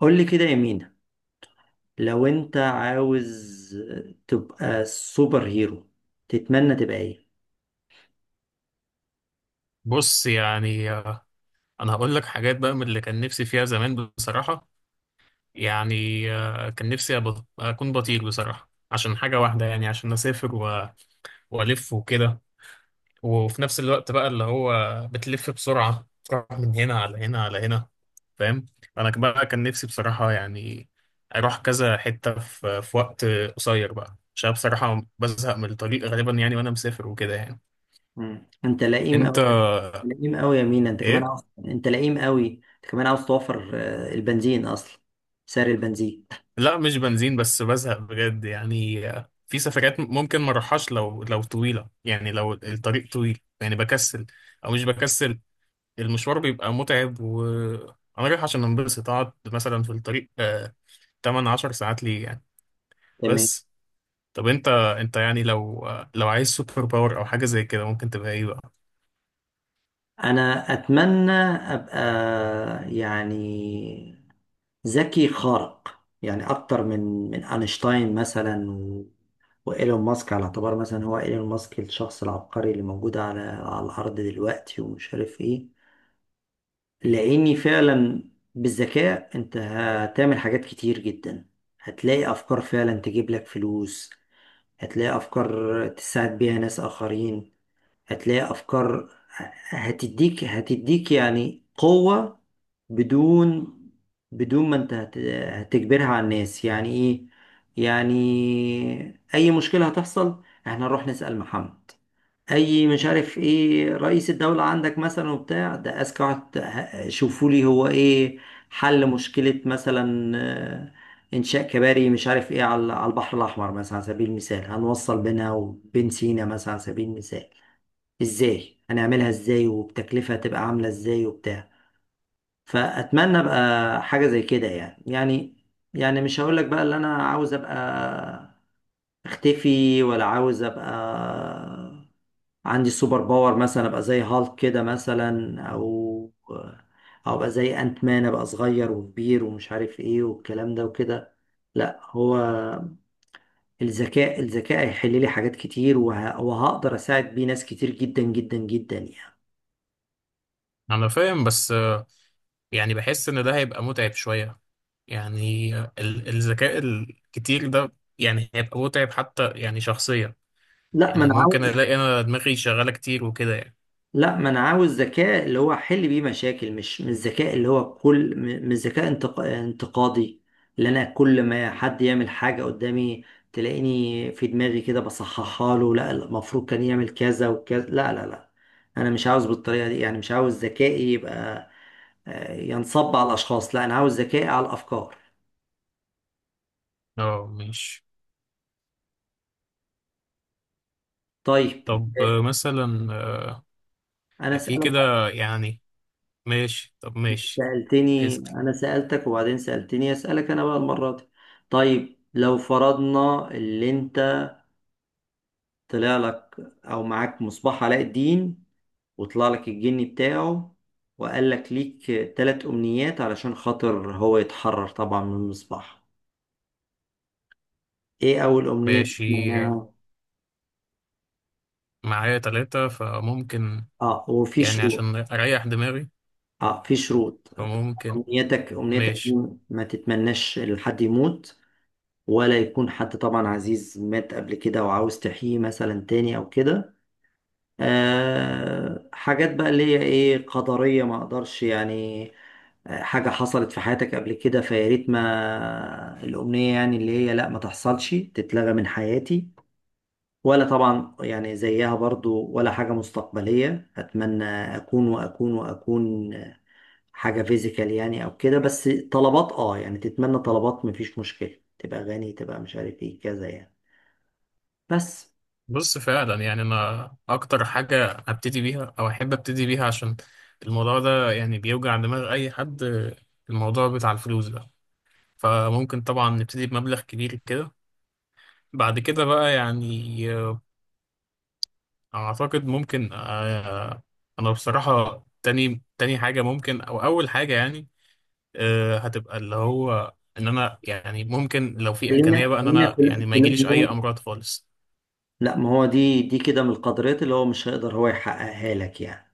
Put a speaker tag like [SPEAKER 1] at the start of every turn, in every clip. [SPEAKER 1] قول لي كده يا مينا، لو انت عاوز تبقى سوبر هيرو تتمنى تبقى ايه؟
[SPEAKER 2] بص يعني انا هقول لك حاجات بقى من اللي كان نفسي فيها زمان بصراحة. يعني كان نفسي اكون بطير بصراحة عشان حاجة واحدة، يعني عشان اسافر والف وكده، وفي نفس الوقت بقى اللي هو بتلف بسرعة، تروح من هنا على هنا على هنا، فاهم. بقى كان نفسي بصراحة، يعني اروح كذا حتة في وقت قصير بقى، عشان بصراحة بزهق من الطريق غالبا يعني، وانا مسافر وكده يعني.
[SPEAKER 1] مم. انت لئيم
[SPEAKER 2] انت
[SPEAKER 1] قوي. لئيم قوي يا مينا، انت كمان
[SPEAKER 2] ايه؟
[SPEAKER 1] عاوز، انت لئيم قوي، انت كمان عاوز توفر البنزين، اصلا سعر البنزين.
[SPEAKER 2] لا، مش بنزين بس بزهق بجد يعني، في سفرات ممكن ما اروحهاش لو طويله، يعني لو الطريق طويل يعني بكسل، او مش بكسل، المشوار بيبقى متعب وانا رايح عشان انبسط، اقعد مثلا في الطريق آه 8 10 ساعات ليه يعني.
[SPEAKER 1] تمام.
[SPEAKER 2] بس طب انت يعني لو لو عايز سوبر باور او حاجه زي كده، ممكن تبقى ايه بقى؟
[SPEAKER 1] انا اتمنى ابقى يعني ذكي خارق، يعني اكتر من اينشتاين مثلا وايلون ماسك، على اعتبار مثلا هو ايلون ماسك الشخص العبقري اللي موجود على الارض دلوقتي ومش عارف ايه، لاني فعلا بالذكاء انت هتعمل حاجات كتير جدا. هتلاقي افكار فعلا تجيب لك فلوس، هتلاقي افكار تساعد بيها ناس اخرين، هتلاقي افكار هتديك يعني قوة بدون بدون ما انت هتجبرها على الناس. يعني ايه؟ يعني اي مشكلة هتحصل احنا نروح نسأل محمد، اي مش عارف ايه، رئيس الدولة عندك مثلا وبتاع ده اذكى واحد، شوفوا لي هو ايه حل مشكلة مثلا، انشاء كباري مش عارف ايه على البحر الاحمر مثلا، على سبيل المثال هنوصل بينها وبين سينا مثلا، على سبيل المثال ازاي هنعملها، ازاي وبتكلفة هتبقى عاملة ازاي وبتاع. فأتمنى ابقى حاجة زي كده يعني. يعني يعني مش هقولك بقى اللي انا عاوز ابقى اختفي، ولا عاوز ابقى عندي سوبر باور مثلا، ابقى زي هالك كده مثلا، او او ابقى زي انت مان، ابقى صغير وكبير ومش عارف ايه والكلام ده وكده. لا، هو الذكاء، الذكاء هيحل لي حاجات كتير وهقدر اساعد بيه ناس كتير جدا جدا جدا يعني.
[SPEAKER 2] انا فاهم بس، يعني بحس ان ده هيبقى متعب شويه، يعني الذكاء الكتير ده يعني هيبقى متعب حتى يعني شخصيا،
[SPEAKER 1] لا، ما
[SPEAKER 2] يعني
[SPEAKER 1] انا
[SPEAKER 2] ممكن
[SPEAKER 1] عاوز.
[SPEAKER 2] الاقي انا دماغي شغاله كتير وكده يعني.
[SPEAKER 1] لا، ما انا عاوز ذكاء اللي هو احل بيه مشاكل، مش الذكاء اللي هو كل مش ذكاء انتقادي، اللي انا كل ما حد يعمل حاجة قدامي تلاقيني في دماغي كده بصححها له، لا لا، المفروض كان يعمل كذا وكذا، لا لا لا، انا مش عاوز بالطريقة دي يعني. مش عاوز ذكائي يبقى ينصب على الاشخاص، لا انا عاوز ذكائي على الافكار.
[SPEAKER 2] اه ماشي.
[SPEAKER 1] طيب،
[SPEAKER 2] طب
[SPEAKER 1] آه،
[SPEAKER 2] مثلا،
[SPEAKER 1] انا
[SPEAKER 2] في
[SPEAKER 1] سألك.
[SPEAKER 2] كده يعني. ماشي، طب ماشي.
[SPEAKER 1] سألتني،
[SPEAKER 2] اسأل.
[SPEAKER 1] انا سألتك وبعدين سألتني، اسألك انا بقى المرة دي. طيب لو فرضنا اللي انت طلع لك او معاك مصباح علاء الدين، وطلع لك الجني بتاعه وقال لك ليك ثلاث امنيات علشان خاطر هو يتحرر طبعا من المصباح، ايه اول امنية
[SPEAKER 2] ماشي،
[SPEAKER 1] تتمناها؟
[SPEAKER 2] معايا تلاتة فممكن،
[SPEAKER 1] اه، وفي
[SPEAKER 2] يعني
[SPEAKER 1] شروط.
[SPEAKER 2] عشان اريح دماغي
[SPEAKER 1] اه، في شروط.
[SPEAKER 2] فممكن.
[SPEAKER 1] امنيتك، امنيتك
[SPEAKER 2] ماشي.
[SPEAKER 1] دي ما تتمناش لحد يموت، ولا يكون حد طبعا عزيز مات قبل كده وعاوز تحييه مثلا تاني او كده. آه، حاجات بقى اللي هي ايه قدرية ما اقدرش يعني، حاجة حصلت في حياتك قبل كده، فيا ريت ما الأمنية يعني اللي هي لا، ما تحصلش تتلغى من حياتي، ولا طبعا يعني زيها برضو ولا حاجة مستقبلية، أتمنى أكون وأكون وأكون حاجة فيزيكال يعني أو كده. بس طلبات أه، يعني تتمنى طلبات مفيش مشكلة، تبقى غني، تبقى مش عارف إيه كذا يعني. بس
[SPEAKER 2] بص، فعلا يعني انا اكتر حاجه ابتدي بيها او احب ابتدي بيها عشان الموضوع ده يعني بيوجع دماغ اي حد، الموضوع بتاع الفلوس ده، فممكن طبعا نبتدي بمبلغ كبير كده. بعد كده بقى يعني اعتقد ممكن، انا بصراحه تاني حاجه، ممكن او اول حاجه يعني، هتبقى اللي هو ان انا يعني، ممكن لو في
[SPEAKER 1] خلينا
[SPEAKER 2] امكانيه بقى، ان
[SPEAKER 1] خلينا
[SPEAKER 2] انا
[SPEAKER 1] في
[SPEAKER 2] يعني ما
[SPEAKER 1] في
[SPEAKER 2] يجيليش اي
[SPEAKER 1] الأمنية.
[SPEAKER 2] امراض خالص.
[SPEAKER 1] لا، ما هو دي كده من القدرات اللي هو مش هيقدر هو يحققها لك يعني.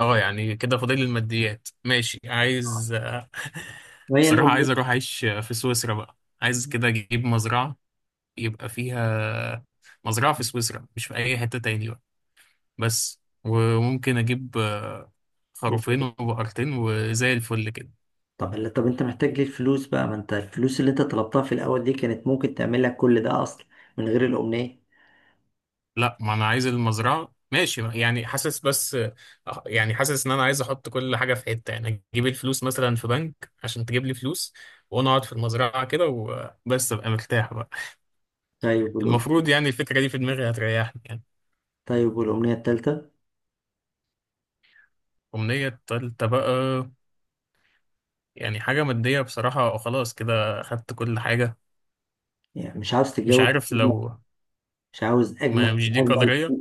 [SPEAKER 2] اه يعني كده فاضل لي الماديات. ماشي، عايز
[SPEAKER 1] وهي
[SPEAKER 2] بصراحه
[SPEAKER 1] الأمنية؟
[SPEAKER 2] عايز اروح اعيش في سويسرا بقى، عايز كده اجيب مزرعه يبقى فيها، مزرعه في سويسرا مش في اي حته تاني بقى. بس، وممكن اجيب خروفين وبقرتين وزي الفل كده.
[SPEAKER 1] طب اللي، طب انت محتاج ليه الفلوس بقى، ما انت الفلوس اللي انت طلبتها في الاول دي كانت ممكن تعمل لك كل ده اصلا، من غير الامنية.
[SPEAKER 2] لا، ما انا عايز المزرعه. ماشي يعني، حاسس بس، يعني حاسس ان انا عايز احط كل حاجه في حته، يعني اجيب الفلوس مثلا في بنك عشان تجيب لي فلوس، وانا اقعد في المزرعه كده وبس، ابقى مرتاح بقى.
[SPEAKER 1] طيب
[SPEAKER 2] المفروض يعني الفكره دي في دماغي هتريحني يعني.
[SPEAKER 1] طيب والامنية التالتة؟
[SPEAKER 2] الامنيه التالته بقى، يعني حاجه ماديه بصراحه، خلاص كده اخدت كل حاجه.
[SPEAKER 1] يعني مش عاوز
[SPEAKER 2] مش
[SPEAKER 1] تتجوز؟
[SPEAKER 2] عارف لو.
[SPEAKER 1] مش عاوز اجمل؟
[SPEAKER 2] ما مش دي
[SPEAKER 1] اجمل
[SPEAKER 2] قدريه.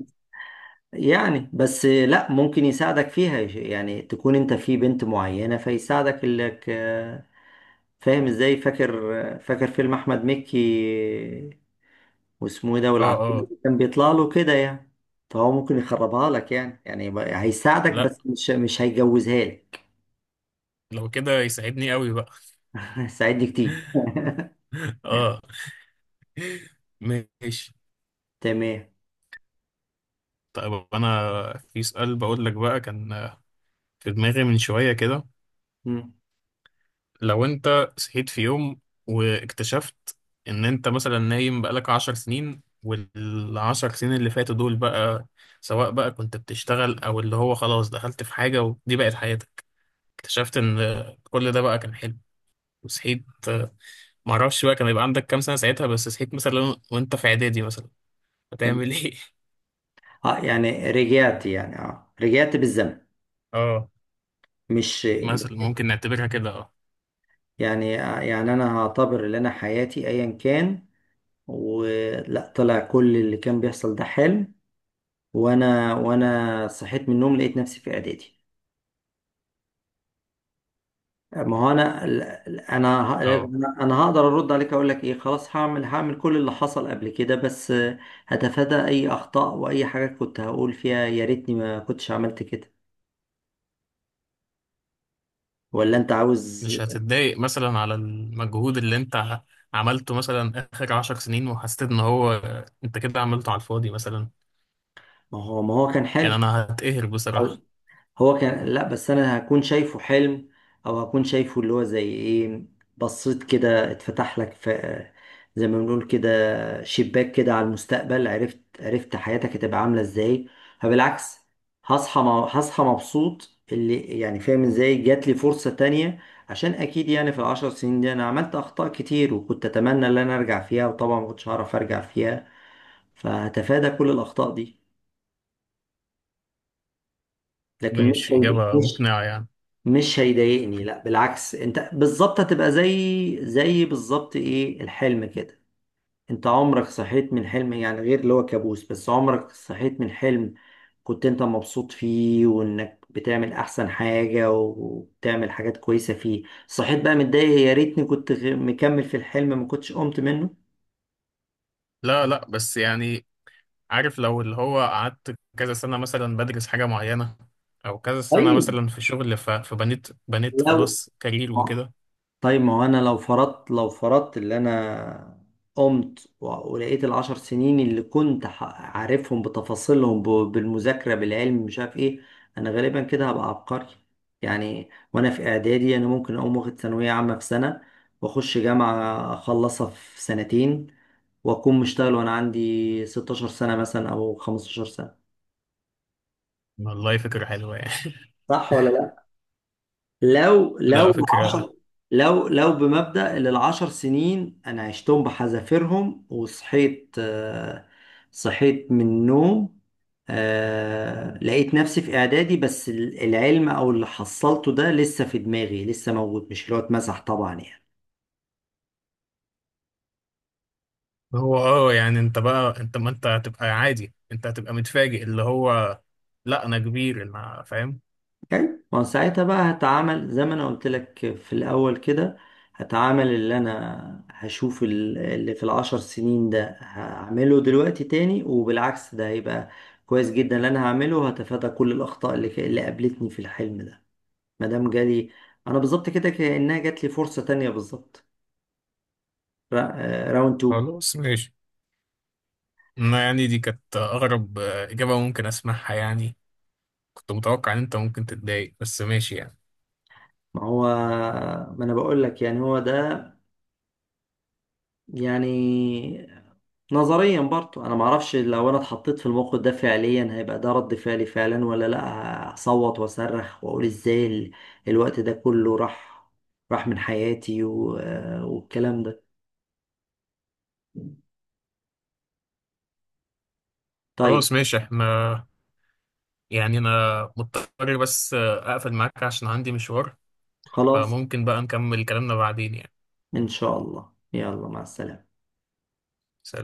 [SPEAKER 1] يعني، بس لا ممكن يساعدك فيها، يعني تكون انت في بنت معينة فيساعدك انك، فاهم ازاي، فاكر، فاكر فيلم احمد مكي واسمه ايه ده،
[SPEAKER 2] اه
[SPEAKER 1] والعفريت
[SPEAKER 2] اه.
[SPEAKER 1] اللي كان بيطلع له كده يعني، فهو ممكن يخربها لك يعني، يعني هيساعدك
[SPEAKER 2] لا،
[SPEAKER 1] بس مش هيجوزها لك.
[SPEAKER 2] لو كده يساعدني قوي بقى.
[SPEAKER 1] ساعدني كتير
[SPEAKER 2] اه ماشي.
[SPEAKER 1] تمام.
[SPEAKER 2] طيب انا في سؤال بقول لك بقى، كان في دماغي من شوية كده.
[SPEAKER 1] مم.
[SPEAKER 2] لو انت صحيت في يوم، واكتشفت ان انت مثلا نايم بقالك عشر سنين، والعشر سنين اللي فاتوا دول بقى، سواء بقى كنت بتشتغل او اللي هو خلاص دخلت في حاجة ودي بقت حياتك، اكتشفت ان كل ده بقى كان حلو، وصحيت. معرفش بقى كان يبقى عندك كام سنة ساعتها، بس صحيت مثلا وانت في اعدادي مثلا، هتعمل
[SPEAKER 1] تمام.
[SPEAKER 2] ايه؟
[SPEAKER 1] اه، يعني رجعت يعني، اه، رجعت بالزمن،
[SPEAKER 2] اه،
[SPEAKER 1] مش
[SPEAKER 2] مثلا ممكن نعتبرها كده اه.
[SPEAKER 1] يعني يعني انا هعتبر ان انا حياتي ايا كان، ولا طلع كل اللي كان بيحصل ده حلم، وانا صحيت من النوم لقيت نفسي في اعدادي. ما هو انا انا ه-
[SPEAKER 2] اه
[SPEAKER 1] انا أنا هقدر ارد عليك اقول لك ايه، خلاص هعمل كل اللي حصل قبل كده، بس هتفادى اي اخطاء واي حاجه كنت هقول فيها يا ريتني ما كنتش عملت كده. ولا انت عاوز.
[SPEAKER 2] مش هتتضايق مثلا على المجهود اللي انت عملته مثلا اخر عشر سنين، وحسيت ان هو انت كده عملته على الفاضي مثلا؟
[SPEAKER 1] ما هو كان حلو.
[SPEAKER 2] يعني انا هتقهر بصراحة.
[SPEAKER 1] هو كان، لا بس انا هكون شايفه حلم، او هكون شايفه اللي هو زي ايه، بصيت كده اتفتح لك في، زي ما بنقول كده، شباك كده على المستقبل، عرفت، عرفت حياتك هتبقى عامله ازاي. فبالعكس هصحى، هصحى مبسوط اللي يعني فاهم ازاي، جات لي فرصه تانية. عشان اكيد يعني في العشر سنين دي انا عملت اخطاء كتير وكنت اتمنى ان انا ارجع فيها، وطبعا ما كنتش هعرف ارجع فيها، فهتفادى كل الاخطاء دي. لكن
[SPEAKER 2] مش اجابة
[SPEAKER 1] مش
[SPEAKER 2] مقنعة يعني.
[SPEAKER 1] مش هيضايقني، لا بالعكس، انت بالظبط هتبقى زي، بالظبط ايه، الحلم كده. انت عمرك صحيت من حلم يعني غير اللي هو كابوس؟ بس عمرك صحيت من حلم كنت انت مبسوط فيه وانك بتعمل احسن حاجة وبتعمل حاجات كويسة فيه، صحيت بقى متضايق يا ريتني كنت مكمل في الحلم، ما كنتش قمت منه.
[SPEAKER 2] لا لا بس يعني، عارف لو اللي هو قعدت كذا سنة مثلا بدرس حاجة معينة، او كذا سنة
[SPEAKER 1] طيب
[SPEAKER 2] مثلا في شغل، فبنيت،
[SPEAKER 1] لو،
[SPEAKER 2] خلاص كارير وكده.
[SPEAKER 1] طيب ما هو انا لو فرضت، لو فرضت اللي انا قمت ولقيت العشر سنين اللي كنت عارفهم بتفاصيلهم، بالمذاكرة بالعلم مش عارف ايه، انا غالبا كده هبقى عبقري يعني. وانا في اعدادي انا ممكن اقوم واخد ثانوية عامة في سنة، واخش جامعة اخلصها في سنتين، واكون مشتغل وانا عندي 16 سنة مثلا او 15 سنة.
[SPEAKER 2] والله فكرة حلوة يعني.
[SPEAKER 1] صح ولا؟ لو لو
[SPEAKER 2] لا، فكرة.
[SPEAKER 1] العشر، لو بمبدأ اللي العشر سنين أنا عشتهم بحذافيرهم وصحيت، صحيت من النوم، لقيت نفسي في إعدادي، بس العلم أو اللي حصلته ده لسه في دماغي لسه موجود، مش اللي هو اتمسح طبعا يعني.
[SPEAKER 2] هو اه يعني انت بقى انت، ما انت هتبقى عادي، انت هتبقى متفاجئ اللي هو، لا انا كبير انا فاهم.
[SPEAKER 1] حلو. ما هو ساعتها بقى هتعامل زي ما انا قلت لك في الاول كده، هتعامل اللي انا هشوف اللي في العشر سنين ده هعمله دلوقتي تاني، وبالعكس ده هيبقى كويس جدا اللي انا هعمله، هتفادى كل الاخطاء اللي اللي قابلتني في الحلم ده. ما دام جالي، انا بالظبط كده كانها جات لي فرصه تانية بالظبط، راوند 2.
[SPEAKER 2] خلاص ماشي. انا يعني دي كانت اغرب اجابة ممكن اسمعها يعني. كنت متوقع ان انت ممكن تتضايق، بس ماشي يعني.
[SPEAKER 1] ما هو، ما انا بقول لك يعني هو ده يعني. نظريا برضو انا معرفش لو انا اتحطيت في الموقف ده فعليا هيبقى ده رد فعلي فعلا، ولا لا هصوت واصرخ واقول ازاي الوقت ده كله راح من حياتي والكلام ده. طيب،
[SPEAKER 2] خلاص ماشي. احنا يعني انا مضطر بس، اقفل معاك عشان عندي مشوار،
[SPEAKER 1] خلاص.
[SPEAKER 2] فممكن بقى نكمل كلامنا بعدين يعني.
[SPEAKER 1] ان شاء الله، يلا مع السلامة.
[SPEAKER 2] سلام.